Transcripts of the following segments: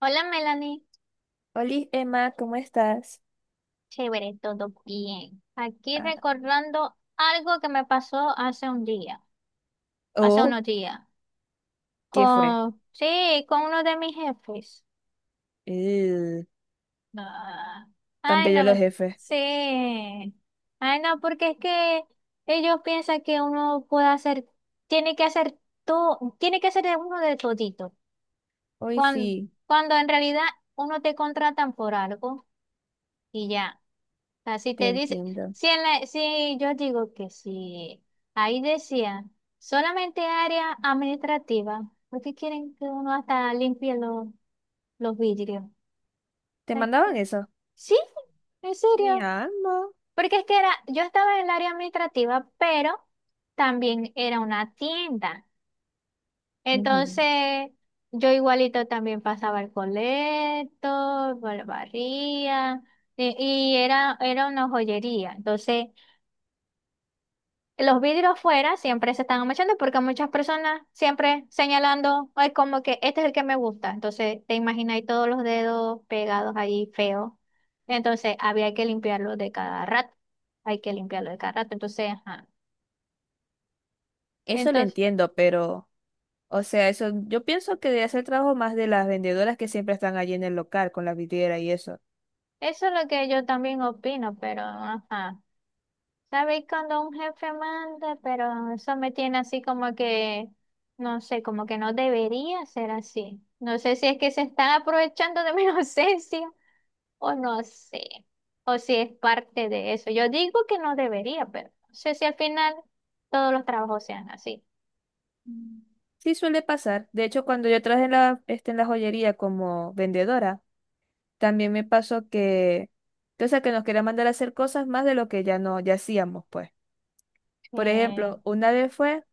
Hola Melanie, Hola Emma, ¿cómo estás? chévere, todo bien. Aquí Ah, recordando algo que me pasó hace un día, hace oh, unos días, ¿qué fue? con, sí, con uno de mis jefes. Eh, Ah, tan ay, bello los no, jefes. sí. Ay, no, porque es que ellos piensan que uno puede hacer, tiene que hacer todo, tiene que hacer de uno de todito, Hoy cuando, sí, cuando en realidad uno te contratan por algo y ya. Sea, si te te dice, entiendo. si, si yo digo que si ahí decía solamente área administrativa, ¿por qué quieren que uno hasta limpie los vidrios? O ¿Te sea, es mandaban como, eso? sí, en Mi serio. alma. Porque es que era, yo estaba en el área administrativa, pero también era una tienda. Ujú. Entonces, yo igualito también pasaba el colecto, barría, y, y era, era una joyería. Entonces, los vidrios fuera siempre se están manchando porque muchas personas siempre señalando, ay, como que este es el que me gusta. Entonces, te imaginas ahí todos los dedos pegados ahí feos. Entonces, había que limpiarlo de cada rato. Hay que limpiarlo de cada rato. Entonces, ajá. Eso lo Entonces, entiendo, pero, o sea, eso, yo pienso que debe hacer trabajo más de las vendedoras que siempre están allí en el local con la vidriera y eso. eso es lo que yo también opino, pero ajá. ¿Sabéis cuando un jefe manda? Pero eso me tiene así como que, no sé, como que no debería ser así. No sé si es que se están aprovechando de mi inocencia, o no sé, o si es parte de eso. Yo digo que no debería, pero no sé si al final todos los trabajos sean así. Mm. Sí suele pasar. De hecho, cuando yo trabajé en la, en la joyería como vendedora, también me pasó que, o sea, que nos querían mandar a hacer cosas más de lo que ya no, ya hacíamos, pues. Por Eh, ejemplo, una vez fue,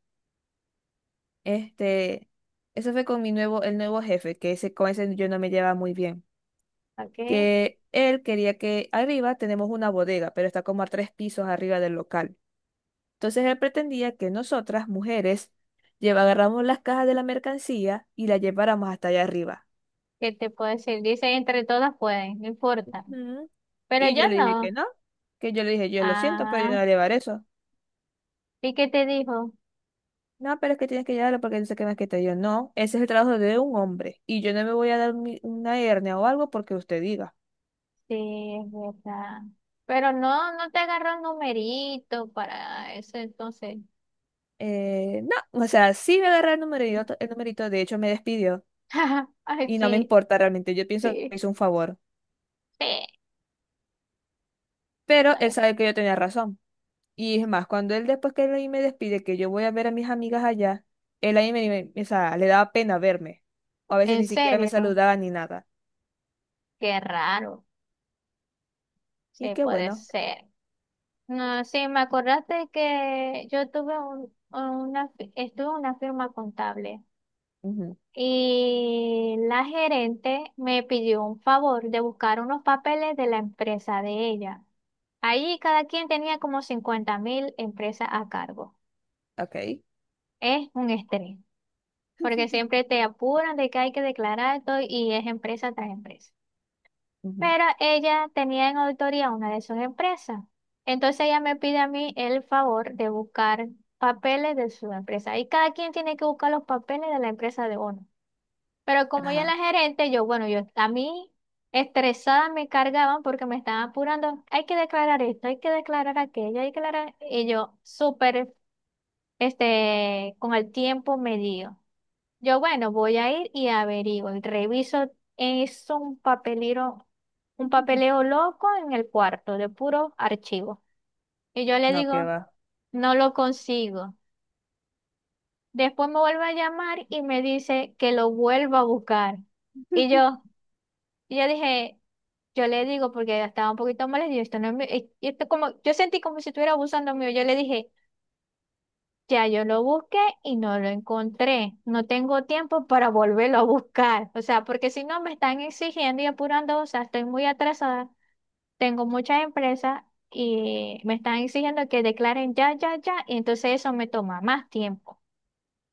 este, eso fue con mi nuevo, el nuevo jefe, que ese, con ese yo no me llevaba muy bien, ok, que él quería que arriba tenemos una bodega, pero está como a tres pisos arriba del local. Entonces él pretendía que nosotras, mujeres, agarramos las cajas de la mercancía y las lleváramos hasta allá arriba. ¿qué te puedo decir? Dice, entre todas pueden, no importa. Ujú. Pero Y yo yo le dije que no. no, que yo le dije, yo lo siento, pero yo no Ah, voy a llevar eso. ¿y qué te dijo? No, pero es que tienes que ayudarlo porque él se quema que te dio. No, ese es el trabajo de un hombre. Y yo no me voy a dar una hernia o algo porque usted diga. Sí, es verdad. Pero no, no te agarró el numerito para eso, entonces. No, o sea, sí me agarré el numerito, de hecho me despidió. Ay, Y no me sí, importa realmente, yo pienso que me sí, hizo un favor. sí. Pero él Ay, sabe que yo tenía razón. Y es más, cuando él después que él ahí me despide, que yo voy a ver a mis amigas allá, él ahí me, me- o sea, le daba pena verme. O a veces en ni siquiera me serio, saludaba ni nada. qué raro. Y Sí, qué puede bueno. ser. No, sí, me acordaste que yo tuve un, una, estuve en una firma contable Ujú, y la gerente me pidió un favor de buscar unos papeles de la empresa de ella. Ahí cada quien tenía como 50.000 empresas a cargo. ok. Es un estrés, porque siempre te apuran de que hay que declarar todo y es empresa tras empresa. Ujú, Pero ella tenía en auditoría una de sus empresas. Entonces ella me pide a mí el favor de buscar papeles de su empresa. Y cada quien tiene que buscar los papeles de la empresa de uno. Pero como ella es ajá. la gerente, yo, bueno, yo a mí estresada me cargaban porque me estaban apurando. Hay que declarar esto, hay que declarar aquello, hay que declarar. Y yo súper, con el tiempo medido. Yo, bueno, voy a ir y averiguo y reviso. Es un papelero, un papeleo loco en el cuarto de puro archivo. Y yo le No, qué digo, va. no lo consigo. Después me vuelve a llamar y me dice que lo vuelva a buscar. Y yo, y yo dije, yo le digo, porque estaba un poquito molesta, y esto no es mi- y esto como, yo sentí como si estuviera abusando mío. Yo le dije, ya yo lo busqué y no lo encontré. No tengo tiempo para volverlo a buscar. O sea, porque si no me están exigiendo y apurando, o sea, estoy muy atrasada. Tengo muchas empresas y me están exigiendo que declaren ya, ya, ya. Y entonces eso me toma más tiempo.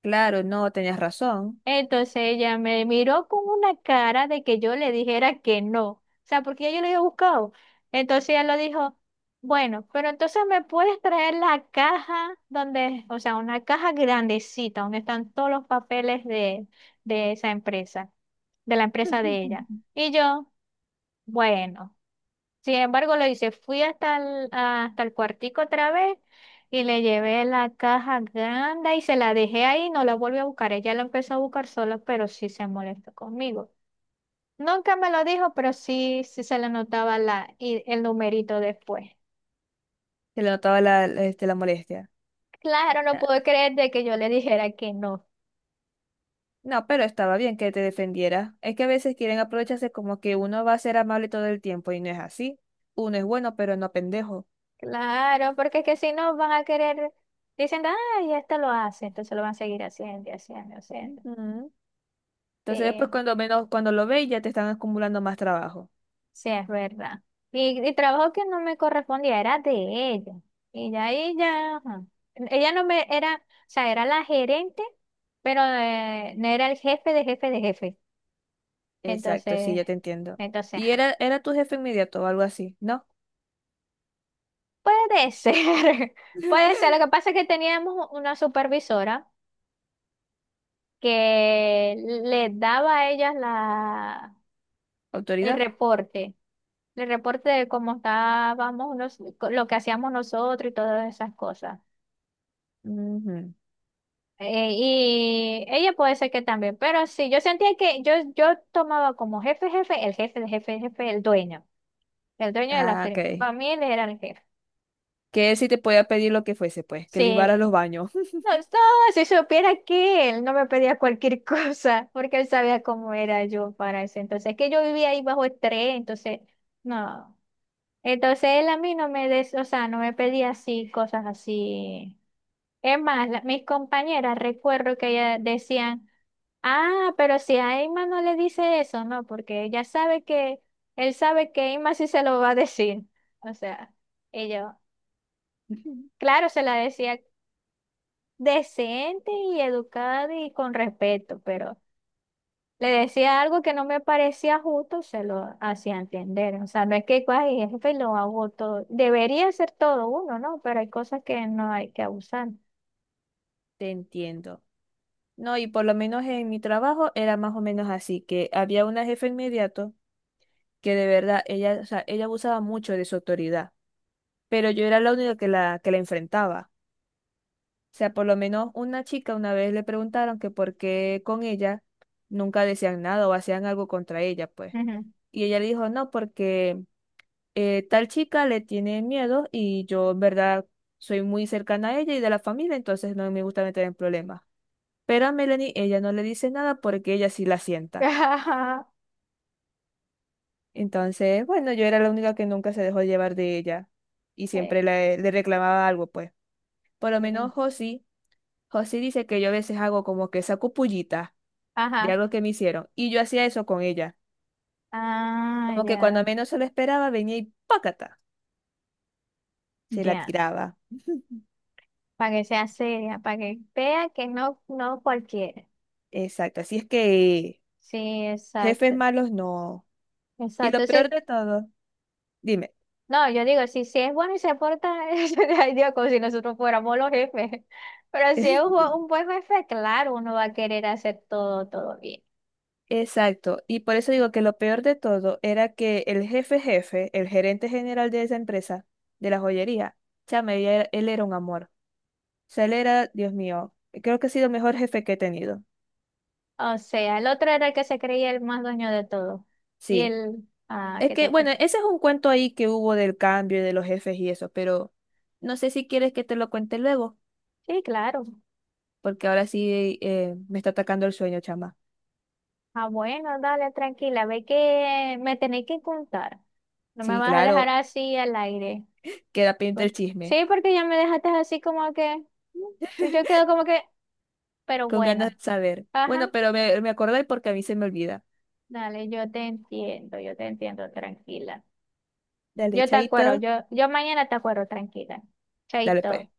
Claro, no, tenías razón. Entonces ella me miró con una cara de que yo le dijera que no, o sea, porque ya yo lo había buscado. Entonces ella lo dijo, bueno, pero entonces me puedes traer la caja donde, o sea, una caja grandecita donde están todos los papeles de esa empresa, de la empresa de ella. Y yo, bueno. Sin embargo, lo hice, fui hasta el cuartico otra vez y le llevé la caja grande y se la dejé ahí, no la volví a buscar. Ella la empezó a buscar sola, pero sí se molestó conmigo. Nunca me lo dijo, pero sí, sí se le notaba la, y el numerito después. Se le notaba la, la molestia. Claro, no Na- puedo creer de que yo le dijera que no. No, pero estaba bien que te defendiera. Es que a veces quieren aprovecharse como que uno va a ser amable todo el tiempo y no es así. Uno es bueno, pero no pendejo. Claro, porque es que si no van a querer, dicen, ay, esto lo hace, entonces lo van a seguir haciendo y haciendo, y haciendo. Ujú. Entonces después Sí. cuando menos, cuando lo veis ya te están acumulando más trabajo. Sí, es verdad. Y trabajo que no me correspondía, era de ella. Y ya ella, ajá. Ella no me era, o sea, era la gerente, pero no era el jefe de jefe de jefe. Exacto, sí, Entonces, ya te entiendo. entonces, Y ajá. era, era tu jefe inmediato o algo así, ¿no? Puede ser, puede ser. Lo que pasa es que teníamos una supervisora que le daba a ellas la, el ¿Autoridad? reporte, el reporte de cómo estábamos, lo que hacíamos nosotros y todas esas cosas. Ujú. Y ella puede ser que también, pero sí, yo sentía que yo tomaba como jefe, jefe, el jefe, el jefe, el jefe, el dueño, el dueño de la Ah, ok. firma. Para mí él era el jefe. Que él sí te podía pedir lo que fuese, pues, que Sí, libara los baños. no, no, si supiera que él no me pedía cualquier cosa, porque él sabía cómo era yo para eso. Entonces, que yo vivía ahí bajo estrés, entonces, no. Entonces él a mí no me des, o sea, no me pedía así, cosas así. Es más, mis compañeras, recuerdo que ellas decían... Ah, pero si a Emma no le dice eso, no, porque ella sabe que, él sabe que Emma sí se lo va a decir. O sea, ellos, claro, se la decía decente y educada y con respeto, pero le decía algo que no me parecía justo, se lo hacía entender. O sea, no es que "Ay, jefe lo hago todo. Debería ser todo uno, ¿no? Pero hay cosas que no hay que abusar. Te entiendo. No, y por lo menos en mi trabajo era más o menos así, que había una jefa inmediato que de verdad ella, o sea, ella abusaba mucho de su autoridad, pero yo era la única que la enfrentaba. O sea, por lo menos una chica una vez le preguntaron que por qué con ella nunca decían nada o hacían algo contra ella, pues. Ujú. Y ella le dijo, no, porque tal chica le tiene miedo y yo en verdad soy muy cercana a ella y de la familia, entonces no me gusta meter en problemas. Pero a Melanie ella no le dice nada porque ella sí la sienta. Ajá. Entonces, bueno, yo era la única que nunca se dejó llevar de ella y Eh, siempre le, le reclamaba algo, pues. Por lo eh, menos Josi, Josi dice que yo a veces hago como que saco pullita de ajá. algo que me hicieron y yo hacía eso con ella. Ah, Como que cuando ya, menos se lo esperaba venía y ¡pácata! Se la ya. tiraba. Para que sea seria, para que vea que no, no cualquiera. Exacto, así es que Sí, jefes exacto, malos no. Y lo exacto. Sí, peor de todo, dime. no, yo digo, si, si es bueno y se porta, ay Dios, como si nosotros fuéramos los jefes. Pero si es un, un buen jefe, claro, uno va a querer hacer todo, todo bien. Exacto, y por eso digo que lo peor de todo era que el jefe jefe, el gerente general de esa empresa, de la joyería, chama, él era un amor. O sea, él era, Dios mío, creo que ha sido el mejor jefe que he tenido. O sea, el otro era el que se creía el más dueño de todo. Y Sí, el, ah, es ¿qué te que, bueno, puso? ese es un cuento ahí que hubo del cambio y de los jefes y eso, pero no sé si quieres que te lo cuente luego, Sí, claro. porque ahora sí me está atacando el sueño, chama. Ah, bueno, dale, tranquila, ve que me tenéis que contar. No me Sí, vas a dejar claro, así al aire. queda pendiente Bueno, el chisme, sí, porque ya me dejaste así como que, mm, y yo quedo como que, pero con ganas bueno, de saber. ajá, Bueno, pero me acordé porque a mí se me olvida. dale, yo te entiendo, tranquila. Dale, Yo te chaito. acuerdo, yo mañana te acuerdo, tranquila. Dale pues. Chaito.